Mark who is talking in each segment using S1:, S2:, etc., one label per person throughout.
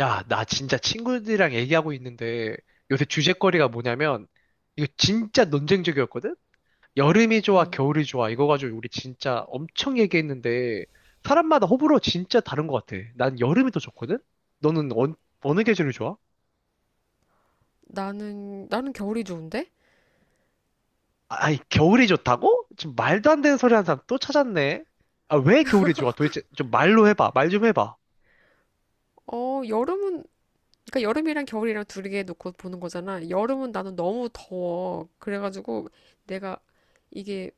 S1: 야, 나 진짜 친구들이랑 얘기하고 있는데 요새 주제거리가 뭐냐면 이거 진짜 논쟁적이었거든? 여름이 좋아,
S2: 음.
S1: 겨울이 좋아 이거 가지고 우리 진짜 엄청 얘기했는데 사람마다 호불호 진짜 다른 것 같아. 난 여름이 더 좋거든? 너는 어느 계절이 좋아?
S2: 나는 겨울이 좋은데?
S1: 아, 아니, 겨울이 좋다고? 지금 말도 안 되는 소리 하는 사람 또 찾았네. 아, 왜 겨울이 좋아? 도대체 좀 말로 해봐. 말 좀 해봐.
S2: 여름은, 그러니까 여름이랑 겨울이랑 둘개 놓고 보는 거잖아. 여름은 나는 너무 더워. 그래가지고 내가 이게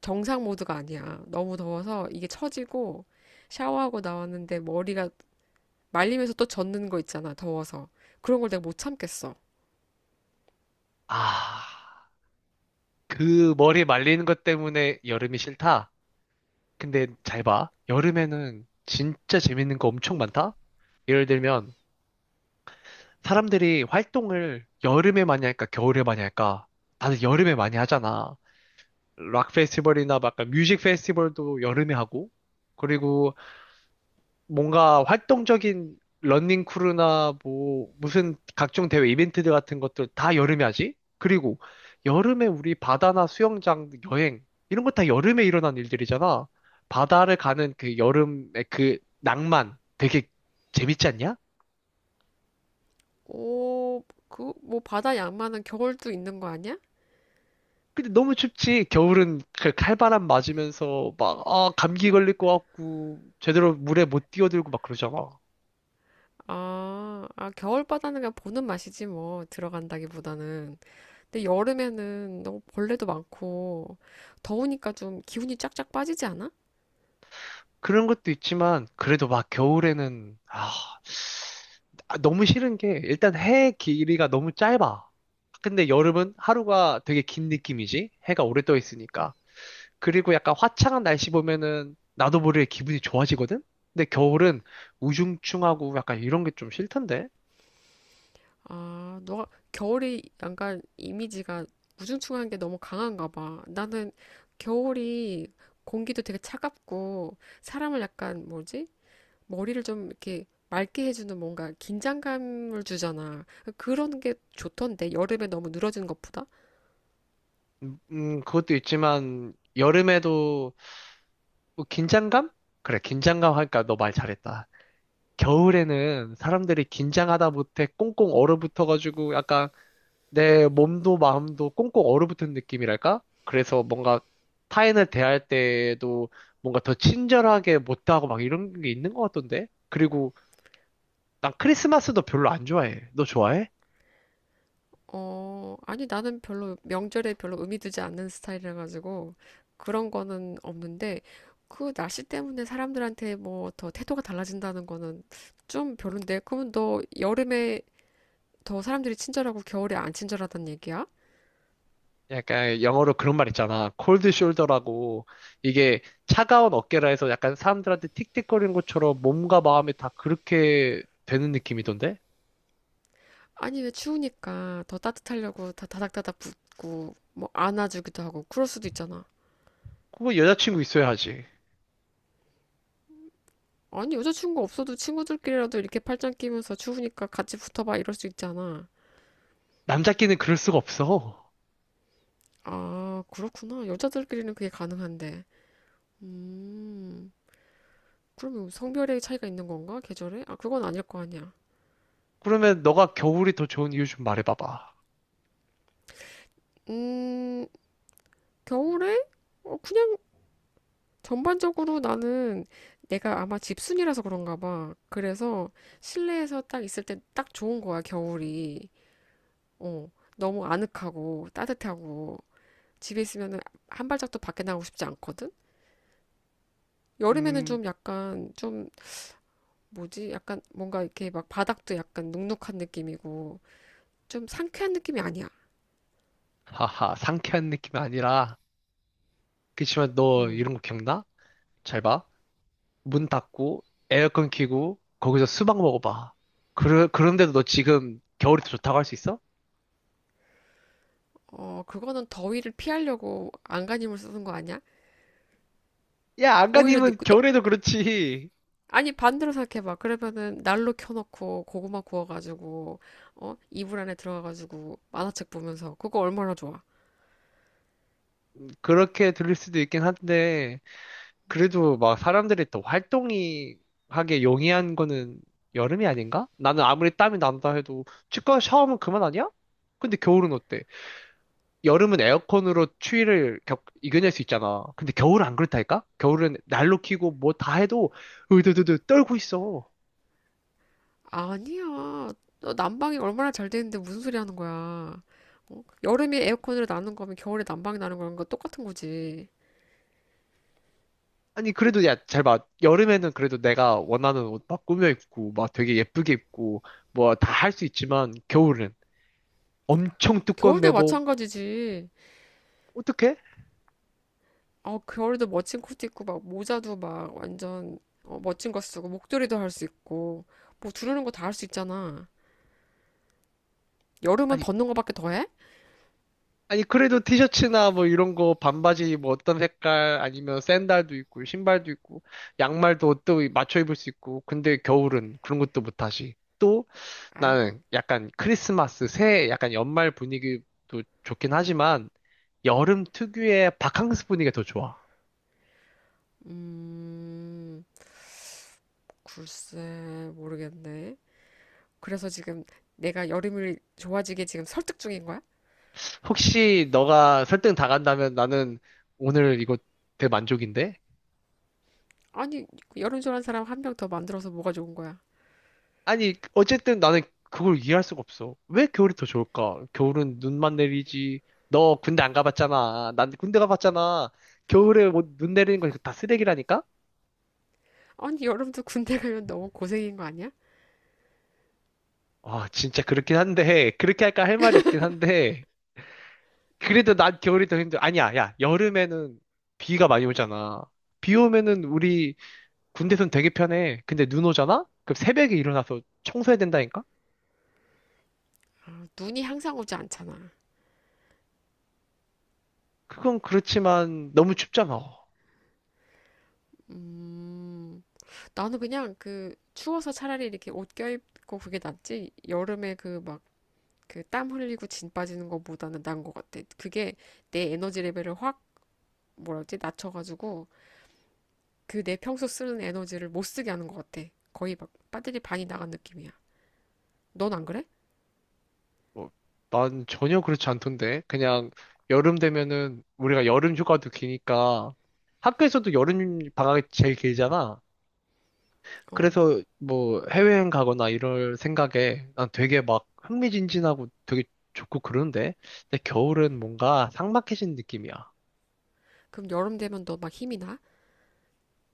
S2: 정상 모드가 아니야. 너무 더워서 이게 처지고 샤워하고 나왔는데 머리가 말리면서 또 젖는 거 있잖아. 더워서. 그런 걸 내가 못 참겠어.
S1: 아, 그 머리 말리는 것 때문에 여름이 싫다? 근데 잘 봐. 여름에는 진짜 재밌는 거 엄청 많다? 예를 들면, 사람들이 활동을 여름에 많이 할까, 겨울에 많이 할까? 다들 여름에 많이 하잖아. 락 페스티벌이나 막 약간 뮤직 페스티벌도 여름에 하고, 그리고 뭔가 활동적인 러닝 크루나 뭐 무슨 각종 대회 이벤트들 같은 것들 다 여름에 하지? 그리고 여름에 우리 바다나 수영장 여행 이런 거 다 여름에 일어난 일들이잖아. 바다를 가는 그 여름의 그 낭만 되게 재밌지 않냐?
S2: 오, 그, 뭐 바다 양만한 겨울도 있는 거 아니야?
S1: 근데 너무 춥지. 겨울은 그 칼바람 맞으면서 막 아, 감기 걸릴 것 같고 제대로 물에 못 뛰어들고 막 그러잖아.
S2: 아, 아, 겨울 바다는 그냥 보는 맛이지 뭐. 들어간다기보다는. 근데 여름에는 너무 벌레도 많고 더우니까 좀 기운이 쫙쫙 빠지지 않아?
S1: 그런 것도 있지만 그래도 막 겨울에는 아, 너무 싫은 게 일단 해 길이가 너무 짧아. 근데 여름은 하루가 되게 긴 느낌이지. 해가 오래 떠 있으니까. 그리고 약간 화창한 날씨 보면은 나도 모르게 기분이 좋아지거든. 근데 겨울은 우중충하고 약간 이런 게 좀 싫던데.
S2: 아, 너가 겨울이 약간 이미지가 우중충한 게 너무 강한가 봐. 나는 겨울이 공기도 되게 차갑고 사람을 약간 뭐지? 머리를 좀 이렇게 맑게 해주는 뭔가 긴장감을 주잖아. 그러니까 그런 게 좋던데 여름에 너무 늘어지는 것보다?
S1: 그것도 있지만 여름에도 뭐 긴장감? 그래, 긴장감 하니까 너 말 잘했다. 겨울에는 사람들이 긴장하다 못해 꽁꽁 얼어붙어가지고 약간 내 몸도 마음도 꽁꽁 얼어붙은 느낌이랄까? 그래서 뭔가 타인을 대할 때에도 뭔가 더 친절하게 못하고 막 이런 게 있는 것 같던데? 그리고 난 크리스마스도 별로 안 좋아해. 너 좋아해?
S2: 어, 아니, 나는 별로 명절에 별로 의미 두지 않는 스타일이라 가지고 그런 거는 없는데 그 날씨 때문에 사람들한테 뭐 더 태도가 달라진다는 거는 좀 별론데 그러면 너 여름에 더 사람들이 친절하고 겨울에 안 친절하단 얘기야?
S1: 약간 영어로 그런 말 있잖아. 콜드 숄더라고. 이게 차가운 어깨라 해서 약간 사람들한테 틱틱거리는 것처럼 몸과 마음이 다 그렇게 되는 느낌이던데?
S2: 아니, 왜 추우니까 더 따뜻하려고 다 다닥다닥 붙고 뭐 안아주기도 하고 그럴 수도 있잖아.
S1: 그거 여자친구 있어야 하지.
S2: 아니, 여자친구 없어도 친구들끼리라도 이렇게 팔짱 끼면서 추우니까 같이 붙어봐 이럴 수 있잖아.
S1: 남자끼는 그럴 수가 없어.
S2: 아, 그렇구나. 여자들끼리는 그게 가능한데. 음, 그러면 성별의 차이가 있는 건가? 계절에? 아, 그건 아닐 거 아니야.
S1: 그러면 너가 겨울이 더 좋은 이유 좀 말해봐봐.
S2: 음, 겨울에? 어, 그냥 전반적으로 나는 내가 아마 집순이라서 그런가 봐. 그래서 실내에서 딱 있을 때 딱 좋은 거야, 겨울이. 어, 너무 아늑하고 따뜻하고 집에 있으면은 한 발짝도 밖에 나가고 싶지 않거든? 여름에는
S1: 음,
S2: 좀 약간 좀 뭐지? 약간 뭔가 이렇게 막 바닥도 약간 눅눅한 느낌이고 좀 상쾌한 느낌이 아니야.
S1: 하하, 상쾌한 느낌이 아니라. 그치만 너
S2: 음.
S1: 이런 거 기억나? 잘 봐. 문 닫고, 에어컨 켜고, 거기서 수박 먹어봐. 그런데도 너 지금 겨울이 더 좋다고 할 수 있어?
S2: 어, 그거는 더위를 피하려고 안간힘을 쓰는 거 아니야?
S1: 야,
S2: 오히려
S1: 안가님은 겨울에도 그렇지.
S2: 아니, 반대로 생각해봐. 그러면은 난로 켜놓고 고구마 구워가지고, 어? 이불 안에 들어가가지고 만화책 보면서 그거 얼마나 좋아?
S1: 그렇게 들릴 수도 있긴 한데, 그래도 막 사람들이 더 활동이 하게 용이한 거는 여름이 아닌가? 나는 아무리 땀이 난다 해도 치과 샤워하면 그만 아니야? 근데 겨울은 어때? 여름은 에어컨으로 이겨낼 수 있잖아. 근데 겨울은 안 그렇다니까? 겨울은 난로 켜고 뭐 다 해도 으드드드 떨고 있어.
S2: 아니야. 너 난방이 얼마나 잘 되는데 무슨 소리 하는 거야? 어? 여름에 에어컨으로 나는 거면 겨울에 난방이 나는 거랑 똑같은 거지.
S1: 아니 그래도 야 잘 봐. 여름에는 그래도 내가 원하는 옷 막 꾸며 입고 막 되게 예쁘게 입고 뭐 다 할 수 있지만 겨울은 엄청 두꺼운
S2: 겨울도
S1: 내복
S2: 마찬가지지.
S1: 어떡해?
S2: 어, 겨울도 멋진 코트 입고 막 모자도 막 완전 어, 멋진 거 쓰고 목도리도 할 수 있고 뭐 두르는 거 다 할 수 있잖아. 여름은
S1: 아니
S2: 벗는 거밖에 더 해?
S1: 아니, 그래도 티셔츠나 뭐 이런 거, 반바지 뭐 어떤 색깔, 아니면 샌들도 있고, 신발도 있고, 양말도 또 맞춰 입을 수 있고, 근데 겨울은 그런 것도 못하지. 또
S2: 아이,
S1: 나는 약간 크리스마스, 새해 약간 연말 분위기도 좋긴 하지만, 여름 특유의 바캉스 분위기가 더 좋아.
S2: 음, 글쎄 모르겠네. 그래서 지금 내가 여름을 좋아지게 지금 설득 중인 거야?
S1: 혹시 너가 설득 다 간다면 나는 오늘 이거 대만족인데?
S2: 아니, 여름 좋아하는 사람 1명 더 만들어서 뭐가 좋은 거야?
S1: 아니, 어쨌든 나는 그걸 이해할 수가 없어. 왜 겨울이 더 좋을까? 겨울은 눈만 내리지. 너 군대 안 가봤잖아. 난 군대 가봤잖아. 겨울에 뭐 눈 내리는 거 다 쓰레기라니까?
S2: 아니, 여름도 군대 가면 너무 고생인 거 아니야?
S1: 아, 진짜 그렇긴 한데, 그렇게 할까 할 말이 없긴 한데, 그래도 난 겨울이 더 힘들어. 아니야, 야, 여름에는 비가 많이 오잖아. 비 오면은 우리 군대선 되게 편해. 근데 눈 오잖아? 그럼 새벽에 일어나서 청소해야 된다니까?
S2: 아, 눈이 항상 오지 않잖아.
S1: 그건 그렇지만 너무 춥잖아.
S2: 음. 나는 그냥 그 추워서 차라리 이렇게 옷 껴입고 그게 낫지. 여름에 그 막 그 땀 흘리고 진 빠지는 것보다는 나은 것 같아. 그게 내 에너지 레벨을 확 뭐라 지 낮춰가지고 그 내 평소 쓰는 에너지를 못 쓰게 하는 것 같아. 거의 막 배터리 반이 나간 느낌이야. 넌 안 그래?
S1: 뭐, 난 전혀 그렇지 않던데. 그냥 여름 되면은 우리가 여름 휴가도 기니까 학교에서도 여름 방학이 제일 길잖아.
S2: 어.
S1: 그래서 뭐 해외여행 가거나 이럴 생각에 난 되게 막 흥미진진하고 되게 좋고 그러는데. 근데 겨울은 뭔가 삭막해진 느낌이야.
S2: 그럼 여름 되면 너 막 힘이 나?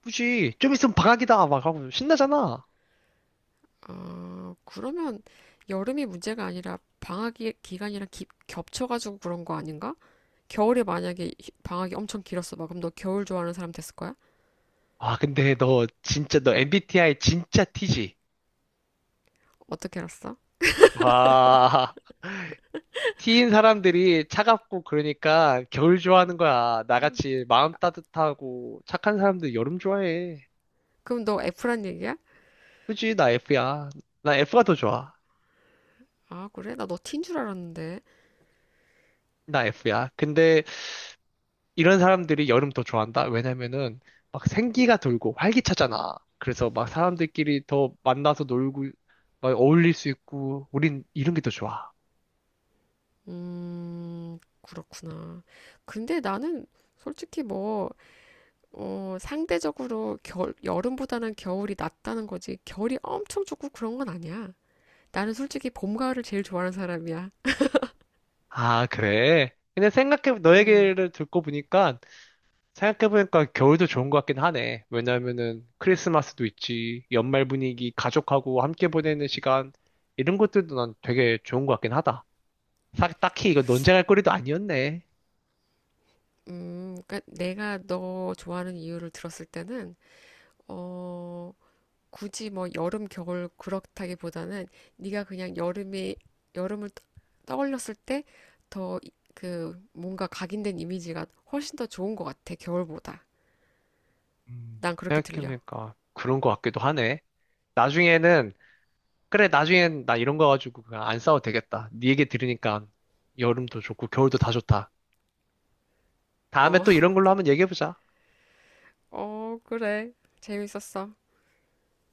S1: 굳이 좀 있으면 방학이다 막 하고 신나잖아.
S2: 아, 그러면 여름이 문제가 아니라 방학 기간이랑 겹쳐가지고 그런 거 아닌가? 겨울에 만약에 방학이 엄청 길었어. 막 그럼 너 겨울 좋아하는 사람 됐을 거야?
S1: 아, 근데 너 진짜 너 MBTI 진짜 T지?
S2: 어떻게 알았어?
S1: 와. T인 사람들이 차갑고 그러니까 겨울 좋아하는 거야. 나같이 마음 따뜻하고 착한 사람들 여름 좋아해.
S2: 그럼 너 F란 얘기야?
S1: 그지? 나 F야. 나 F가 더 좋아.
S2: 아, 그래? 나 너 T인 줄 알았는데.
S1: 나 F야. 근데 이런 사람들이 여름 더 좋아한다? 왜냐면은 막 생기가 돌고 활기차잖아. 그래서 막 사람들끼리 더 만나서 놀고 막 어울릴 수 있고 우린 이런 게 더 좋아.
S2: 그렇구나. 근데 나는 솔직히 뭐, 어, 상대적으로 겨울, 여름보다는 겨울이 낫다는 거지. 겨울이 엄청 좋고 그런 건 아니야. 나는 솔직히 봄, 가을을 제일 좋아하는 사람이야.
S1: 아, 그래? 근데 너
S2: 음,
S1: 얘기를 듣고 보니까 생각해보니까 겨울도 좋은 것 같긴 하네. 왜냐면은 크리스마스도 있지, 연말 분위기, 가족하고 함께 보내는 시간, 이런 것들도 난 되게 좋은 것 같긴 하다. 딱히 이거 논쟁할 거리도 아니었네.
S2: 그러니까 내가 너 좋아하는 이유를 들었을 때는, 어, 굳이 뭐 여름, 겨울 그렇다기보다는 네가 그냥 여름에 여름을 떠올렸을 때 더 그 뭔가 각인된 이미지가 훨씬 더 좋은 것 같아, 겨울보다. 난 그렇게 들려.
S1: 생각해보니까 그런 것 같기도 하네. 나중에는, 그래, 나중엔 나 이런 거 가지고 그냥 안 싸워도 되겠다. 네 얘기 들으니까 여름도 좋고 겨울도 다 좋다. 다음에
S2: 어,
S1: 또 이런 걸로 한번 얘기해보자.
S2: 어, 그래. 재밌었어.